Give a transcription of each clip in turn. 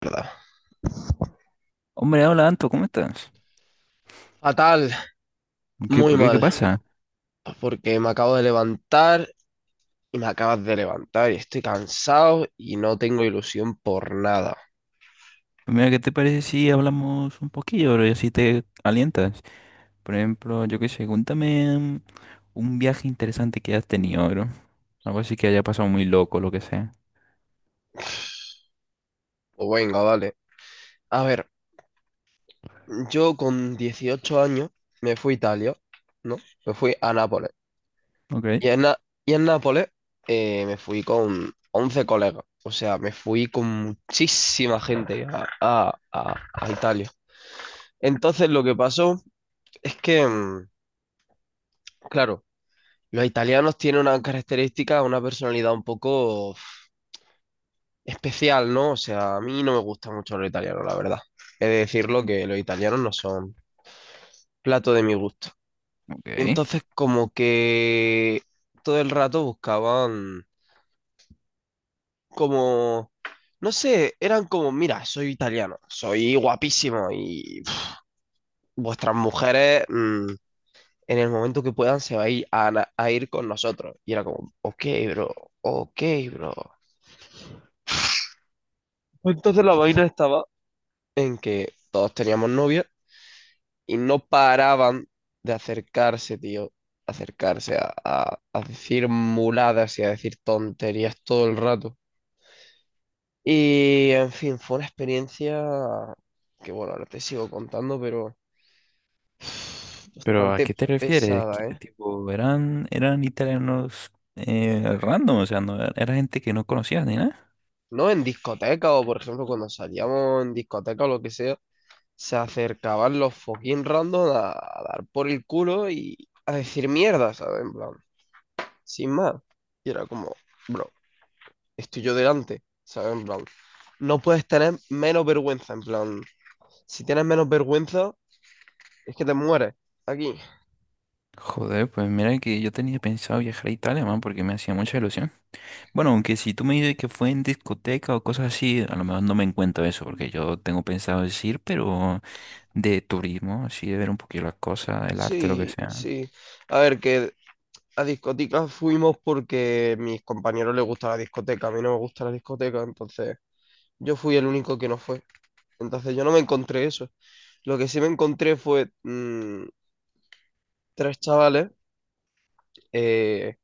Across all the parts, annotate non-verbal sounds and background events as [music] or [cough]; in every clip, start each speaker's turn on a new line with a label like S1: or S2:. S1: Verdad.
S2: Hombre, hola Anto, ¿cómo estás?
S1: Fatal,
S2: ¿Qué,
S1: muy
S2: por qué? ¿Qué
S1: mal,
S2: pasa?
S1: porque me acabo de levantar y me acabas de levantar y estoy cansado y no tengo ilusión por nada.
S2: Pues, mira, ¿qué te parece si hablamos un poquillo, bro, y así te alientas? Por ejemplo, yo qué sé, cuéntame un viaje interesante que hayas tenido, bro. Algo así que haya pasado muy loco, lo que sea.
S1: O venga, vale. A ver, yo con 18 años me fui a Italia, ¿no? Me fui a Nápoles.
S2: Ok,
S1: Y en, Na- y en Nápoles, me fui con 11 colegas. O sea, me fui con muchísima gente a Italia. Entonces lo que pasó es que, claro, los italianos tienen una característica, una personalidad un poco uf, especial, ¿no? O sea, a mí no me gusta mucho los italianos, la verdad. He de decirlo que los italianos no son plato de mi gusto. Y
S2: ok.
S1: entonces como que todo el rato buscaban como, no sé, eran como, mira, soy italiano, soy guapísimo y uf, vuestras mujeres, en el momento que puedan se va a ir, a ir con nosotros. Y era como, ok, bro, ok, bro. Entonces la vaina estaba en que todos teníamos novia y no paraban de acercarse, tío, acercarse a decir muladas y a decir tonterías todo el rato. Y en fin, fue una experiencia que, bueno, ahora te sigo contando, pero [sighs]
S2: Pero ¿a
S1: bastante
S2: qué te refieres? ¿Qué
S1: pesada, ¿eh?
S2: tipo, eran italianos random, o sea, no, era gente que no conocías ni nada.
S1: No, en discoteca o, por ejemplo, cuando salíamos en discoteca o lo que sea, se acercaban los fucking random a dar por el culo y a decir mierda, ¿sabes? En plan, sin más. Y era como, bro, estoy yo delante, ¿sabes? En plan, no puedes tener menos vergüenza, en plan, si tienes menos vergüenza, es que te mueres aquí.
S2: Joder, pues mira que yo tenía pensado viajar a Italia, man, porque me hacía mucha ilusión. Bueno, aunque si tú me dices que fue en discoteca o cosas así, a lo mejor no me encuentro eso, porque yo tengo pensado decir, pero de turismo, así de ver un poquito las cosas, el arte, lo que
S1: Sí,
S2: sea.
S1: sí. A ver, que a discotecas fuimos porque a mis compañeros les gusta la discoteca, a mí no me gusta la discoteca, entonces yo fui el único que no fue. Entonces yo no me encontré eso. Lo que sí me encontré fue, tres chavales. eh,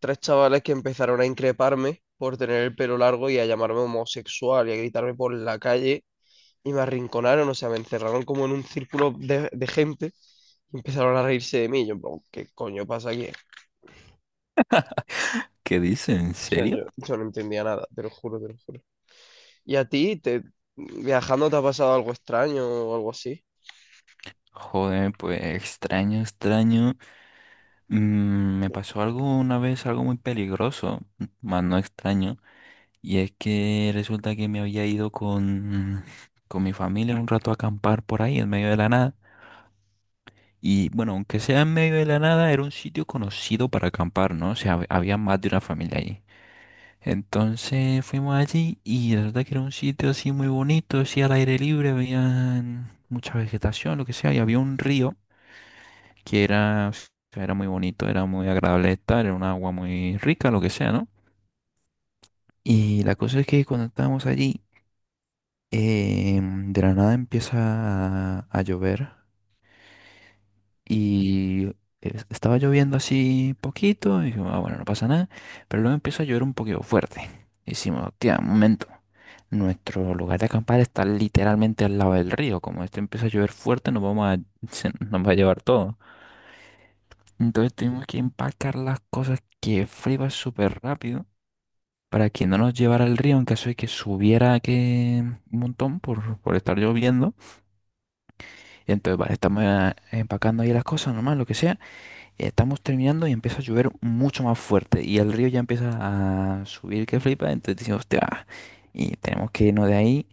S1: Tres chavales que empezaron a increparme por tener el pelo largo y a llamarme homosexual y a gritarme por la calle y me arrinconaron, o sea, me encerraron como en un círculo de gente y empezaron a reírse de mí. Yo, en plan, ¿qué coño pasa aquí?
S2: ¿Qué dices? ¿En
S1: O sea, yo,
S2: serio?
S1: yo no entendía nada, te lo juro, te lo juro. ¿Y a ti, viajando, te ha pasado algo extraño o algo así?
S2: Joder, pues extraño, extraño. Mm, me pasó algo una vez, algo muy peligroso, más no extraño, y es que resulta que me había ido con mi familia un rato a acampar por ahí en medio de la nada. Y bueno, aunque sea en medio de la nada, era un sitio conocido para acampar, ¿no? O sea, había más de una familia allí. Entonces fuimos allí y la verdad que era un sitio así muy bonito, así al aire libre, había mucha vegetación, lo que sea, y había un río que era, o sea, era muy bonito, era muy agradable de estar, era un agua muy rica, lo que sea, ¿no? Y la cosa es que cuando estábamos allí, de la nada empieza a llover. Y estaba lloviendo así poquito, y digo, ah, bueno, no pasa nada, pero luego empieza a llover un poquito fuerte. Y decimos, hostia, un momento, nuestro lugar de acampar está literalmente al lado del río, como esto empieza a llover fuerte, nos vamos a, [laughs] se nos va a llevar todo. Entonces tuvimos que empacar las cosas que friba súper rápido para que no nos llevara el río en caso de que subiera que un montón por estar lloviendo. Y entonces, vale, estamos empacando ahí las cosas, nomás, lo que sea. Estamos terminando y empieza a llover mucho más fuerte y el río ya empieza a subir que flipa, entonces decimos, hostia, y tenemos que irnos de ahí.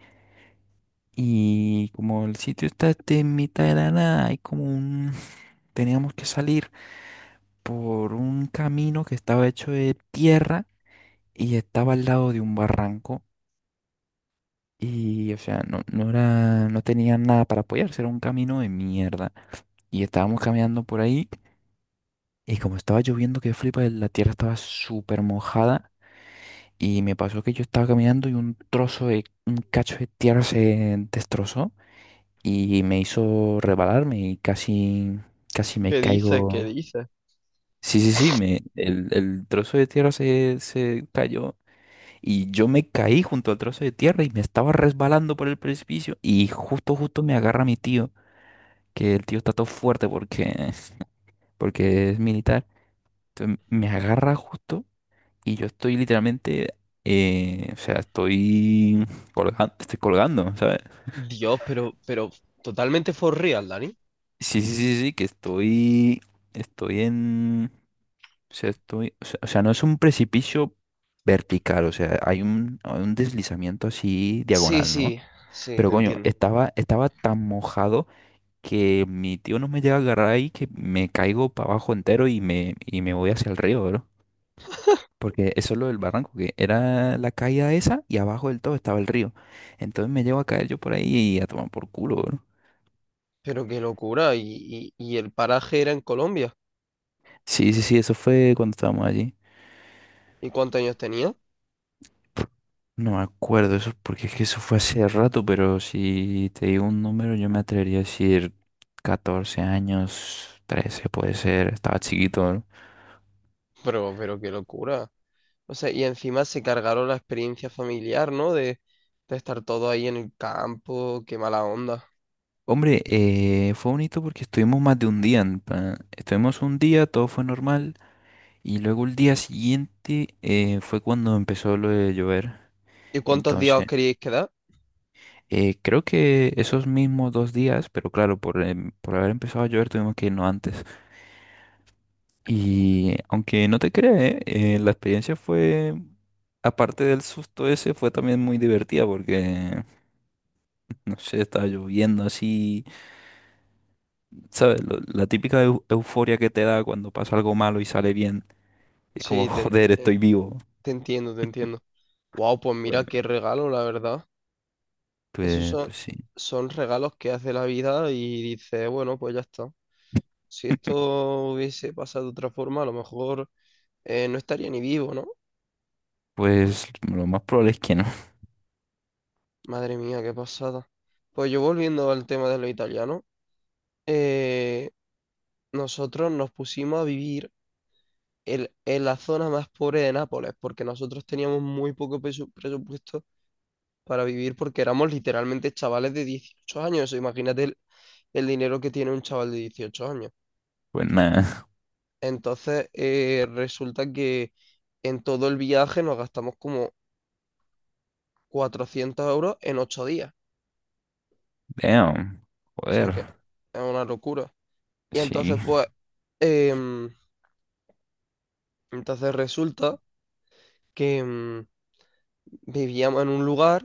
S2: Y como el sitio está este en mitad de la nada, hay como un... [laughs] Teníamos que salir por un camino que estaba hecho de tierra y estaba al lado de un barranco y, o sea, no, no era, no tenía nada para apoyarse, era un camino de mierda. Y estábamos caminando por ahí y como estaba lloviendo que flipa, la tierra estaba súper mojada. Y me pasó que yo estaba caminando y un cacho de tierra se destrozó y me hizo rebalarme y casi, casi me
S1: ¿Qué dices? ¿Qué
S2: caigo.
S1: dices?
S2: Sí, sí, sí, me, el trozo de tierra se cayó y yo me caí junto al trozo de tierra y me estaba resbalando por el precipicio y justo, justo me agarra mi tío, que el tío está todo fuerte porque, [laughs] porque es militar. Entonces me agarra justo. Y yo estoy literalmente, o sea, estoy colgando, ¿sabes?
S1: Dios, pero totalmente for real, Dani.
S2: Sí, sí, sí, sí, que estoy en, o sea, estoy, o sea, no es un precipicio vertical, o sea, hay un deslizamiento así
S1: Sí,
S2: diagonal, ¿no?
S1: sí, sí,
S2: Pero
S1: te
S2: coño,
S1: entiendo.
S2: estaba tan mojado que mi tío no me llega a agarrar ahí que me caigo para abajo entero y y me voy hacia el río, porque eso es lo del barranco, que era la caída esa y abajo del todo estaba el río. Entonces me llevo a caer yo por ahí y a tomar por culo, bro.
S1: Pero qué locura. ¿Y el paraje era en Colombia?
S2: Sí, sí, sí, eso fue cuando estábamos allí.
S1: ¿Y cuántos años tenía?
S2: No me acuerdo eso, porque es que eso fue hace rato, pero si te digo un número, yo me atrevería a decir 14 años, 13 puede ser, estaba chiquito, ¿no?
S1: Pero qué locura. O sea, y encima se cargaron la experiencia familiar, ¿no? De estar todo ahí en el campo, qué mala onda.
S2: Hombre, fue bonito porque estuvimos más de un día. En plan, estuvimos un día, todo fue normal, y luego el día siguiente fue cuando empezó lo de llover.
S1: ¿Y cuántos días os
S2: Entonces,
S1: queríais quedar?
S2: creo que esos mismos 2 días, pero claro, por haber empezado a llover tuvimos que irnos antes. Y aunque no te creas, la experiencia fue, aparte del susto ese, fue también muy divertida porque, no sé, estaba lloviendo así, ¿sabes? La típica euforia que te da cuando pasa algo malo y sale bien. Es como,
S1: Sí,
S2: [laughs] joder, estoy vivo.
S1: te entiendo, te entiendo. Wow, pues
S2: Pues,
S1: mira qué regalo, la verdad. Esos
S2: pues,
S1: son,
S2: pues sí.
S1: son regalos que hace la vida y dice, bueno, pues ya está. Si esto hubiese pasado de otra forma, a lo mejor no estaría ni vivo, ¿no?
S2: Pues lo más probable es que no. [laughs]
S1: Madre mía, qué pasada. Pues yo volviendo al tema de lo italiano. eh, Nosotros nos pusimos a vivir en la zona más pobre de Nápoles, porque nosotros teníamos muy poco presupuesto para vivir porque éramos literalmente chavales de 18 años. O sea, imagínate el dinero que tiene un chaval de 18 años.
S2: Pues nada.
S1: Entonces, resulta que en todo el viaje nos gastamos como 400 euros en 8 días.
S2: Damn.
S1: O sea que
S2: Joder.
S1: es una locura. Y
S2: Sí.
S1: entonces, pues, em, entonces resulta que, vivíamos en un lugar,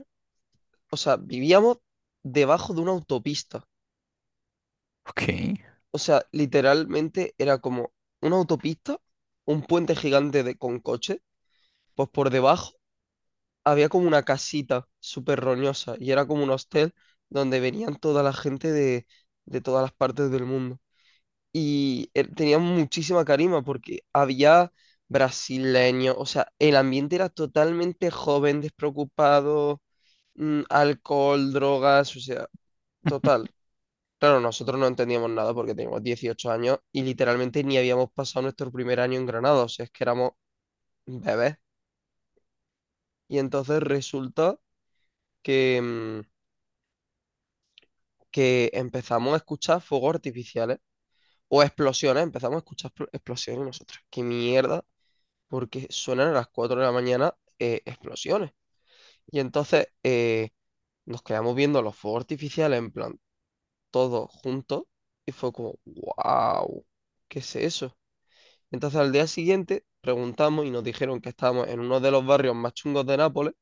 S1: o sea, vivíamos debajo de una autopista.
S2: Ok.
S1: O sea, literalmente era como una autopista, un puente gigante de, con coche, pues por debajo había como una casita súper roñosa y era como un hostel donde venían toda la gente de todas las partes del mundo. Y tenía muchísima carisma porque había brasileños, o sea, el ambiente era totalmente joven, despreocupado, alcohol, drogas, o sea, total. Claro, nosotros no entendíamos nada porque teníamos 18 años y literalmente ni habíamos pasado nuestro primer año en Granada, o sea, es que éramos bebés. Y entonces resulta que, mm, que empezamos a escuchar fuegos artificiales o explosiones, empezamos a escuchar explosiones y nosotros. ¿Qué mierda? Porque suenan a las 4 de la mañana, explosiones. Y entonces, nos quedamos viendo los fuegos artificiales en plan todos juntos y fue como, wow, ¿qué es eso? Entonces al día siguiente preguntamos y nos dijeron que estábamos en uno de los barrios más chungos de Nápoles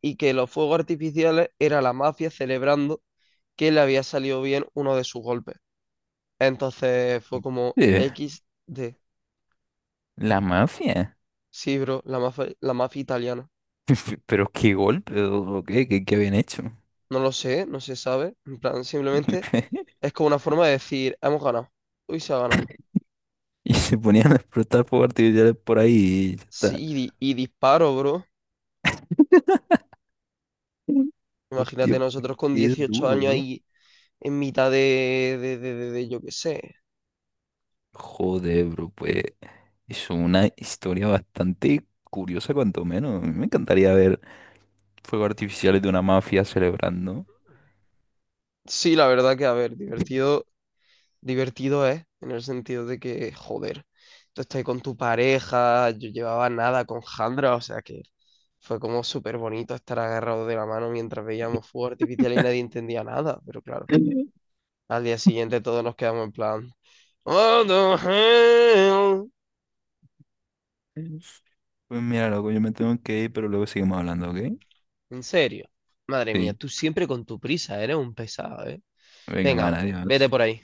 S1: y que los fuegos artificiales era la mafia celebrando que le había salido bien uno de sus golpes. Entonces fue como
S2: Eh,
S1: XD.
S2: la mafia.
S1: Sí, bro, la mafia italiana.
S2: Pero qué golpe, o qué, habían hecho.
S1: No lo sé, no se sabe. En plan, simplemente
S2: [laughs]
S1: es como una forma de decir, hemos ganado. Uy, se ha ganado.
S2: Y se ponían a explotar fuegos artificiales por ahí y ya está.
S1: Sí, y disparo, bro.
S2: Mm. Hostia,
S1: Imagínate
S2: pues,
S1: nosotros con
S2: qué
S1: 18
S2: duro,
S1: años
S2: bro.
S1: ahí en mitad de yo qué sé.
S2: Joder, bro, pues es una historia bastante curiosa, cuanto menos. A mí me encantaría ver fuegos artificiales de una mafia celebrando.
S1: Sí, la verdad que, a ver, divertido, divertido es, en el sentido de que, joder, tú estás ahí con tu pareja, yo llevaba nada con Jandra, o sea que fue como súper bonito estar agarrados de la mano mientras veíamos fuego artificial y nadie entendía nada, pero claro,
S2: [laughs]
S1: al día siguiente todos nos quedamos en plan, "What the hell?".
S2: Mm. Pues mira, loco, yo me tengo que ir, pero luego seguimos hablando, ¿ok?
S1: En serio, madre mía,
S2: Sí.
S1: tú siempre con tu prisa, eres un pesado, ¿eh?
S2: Venga, man,
S1: Venga, vete
S2: adiós.
S1: por ahí.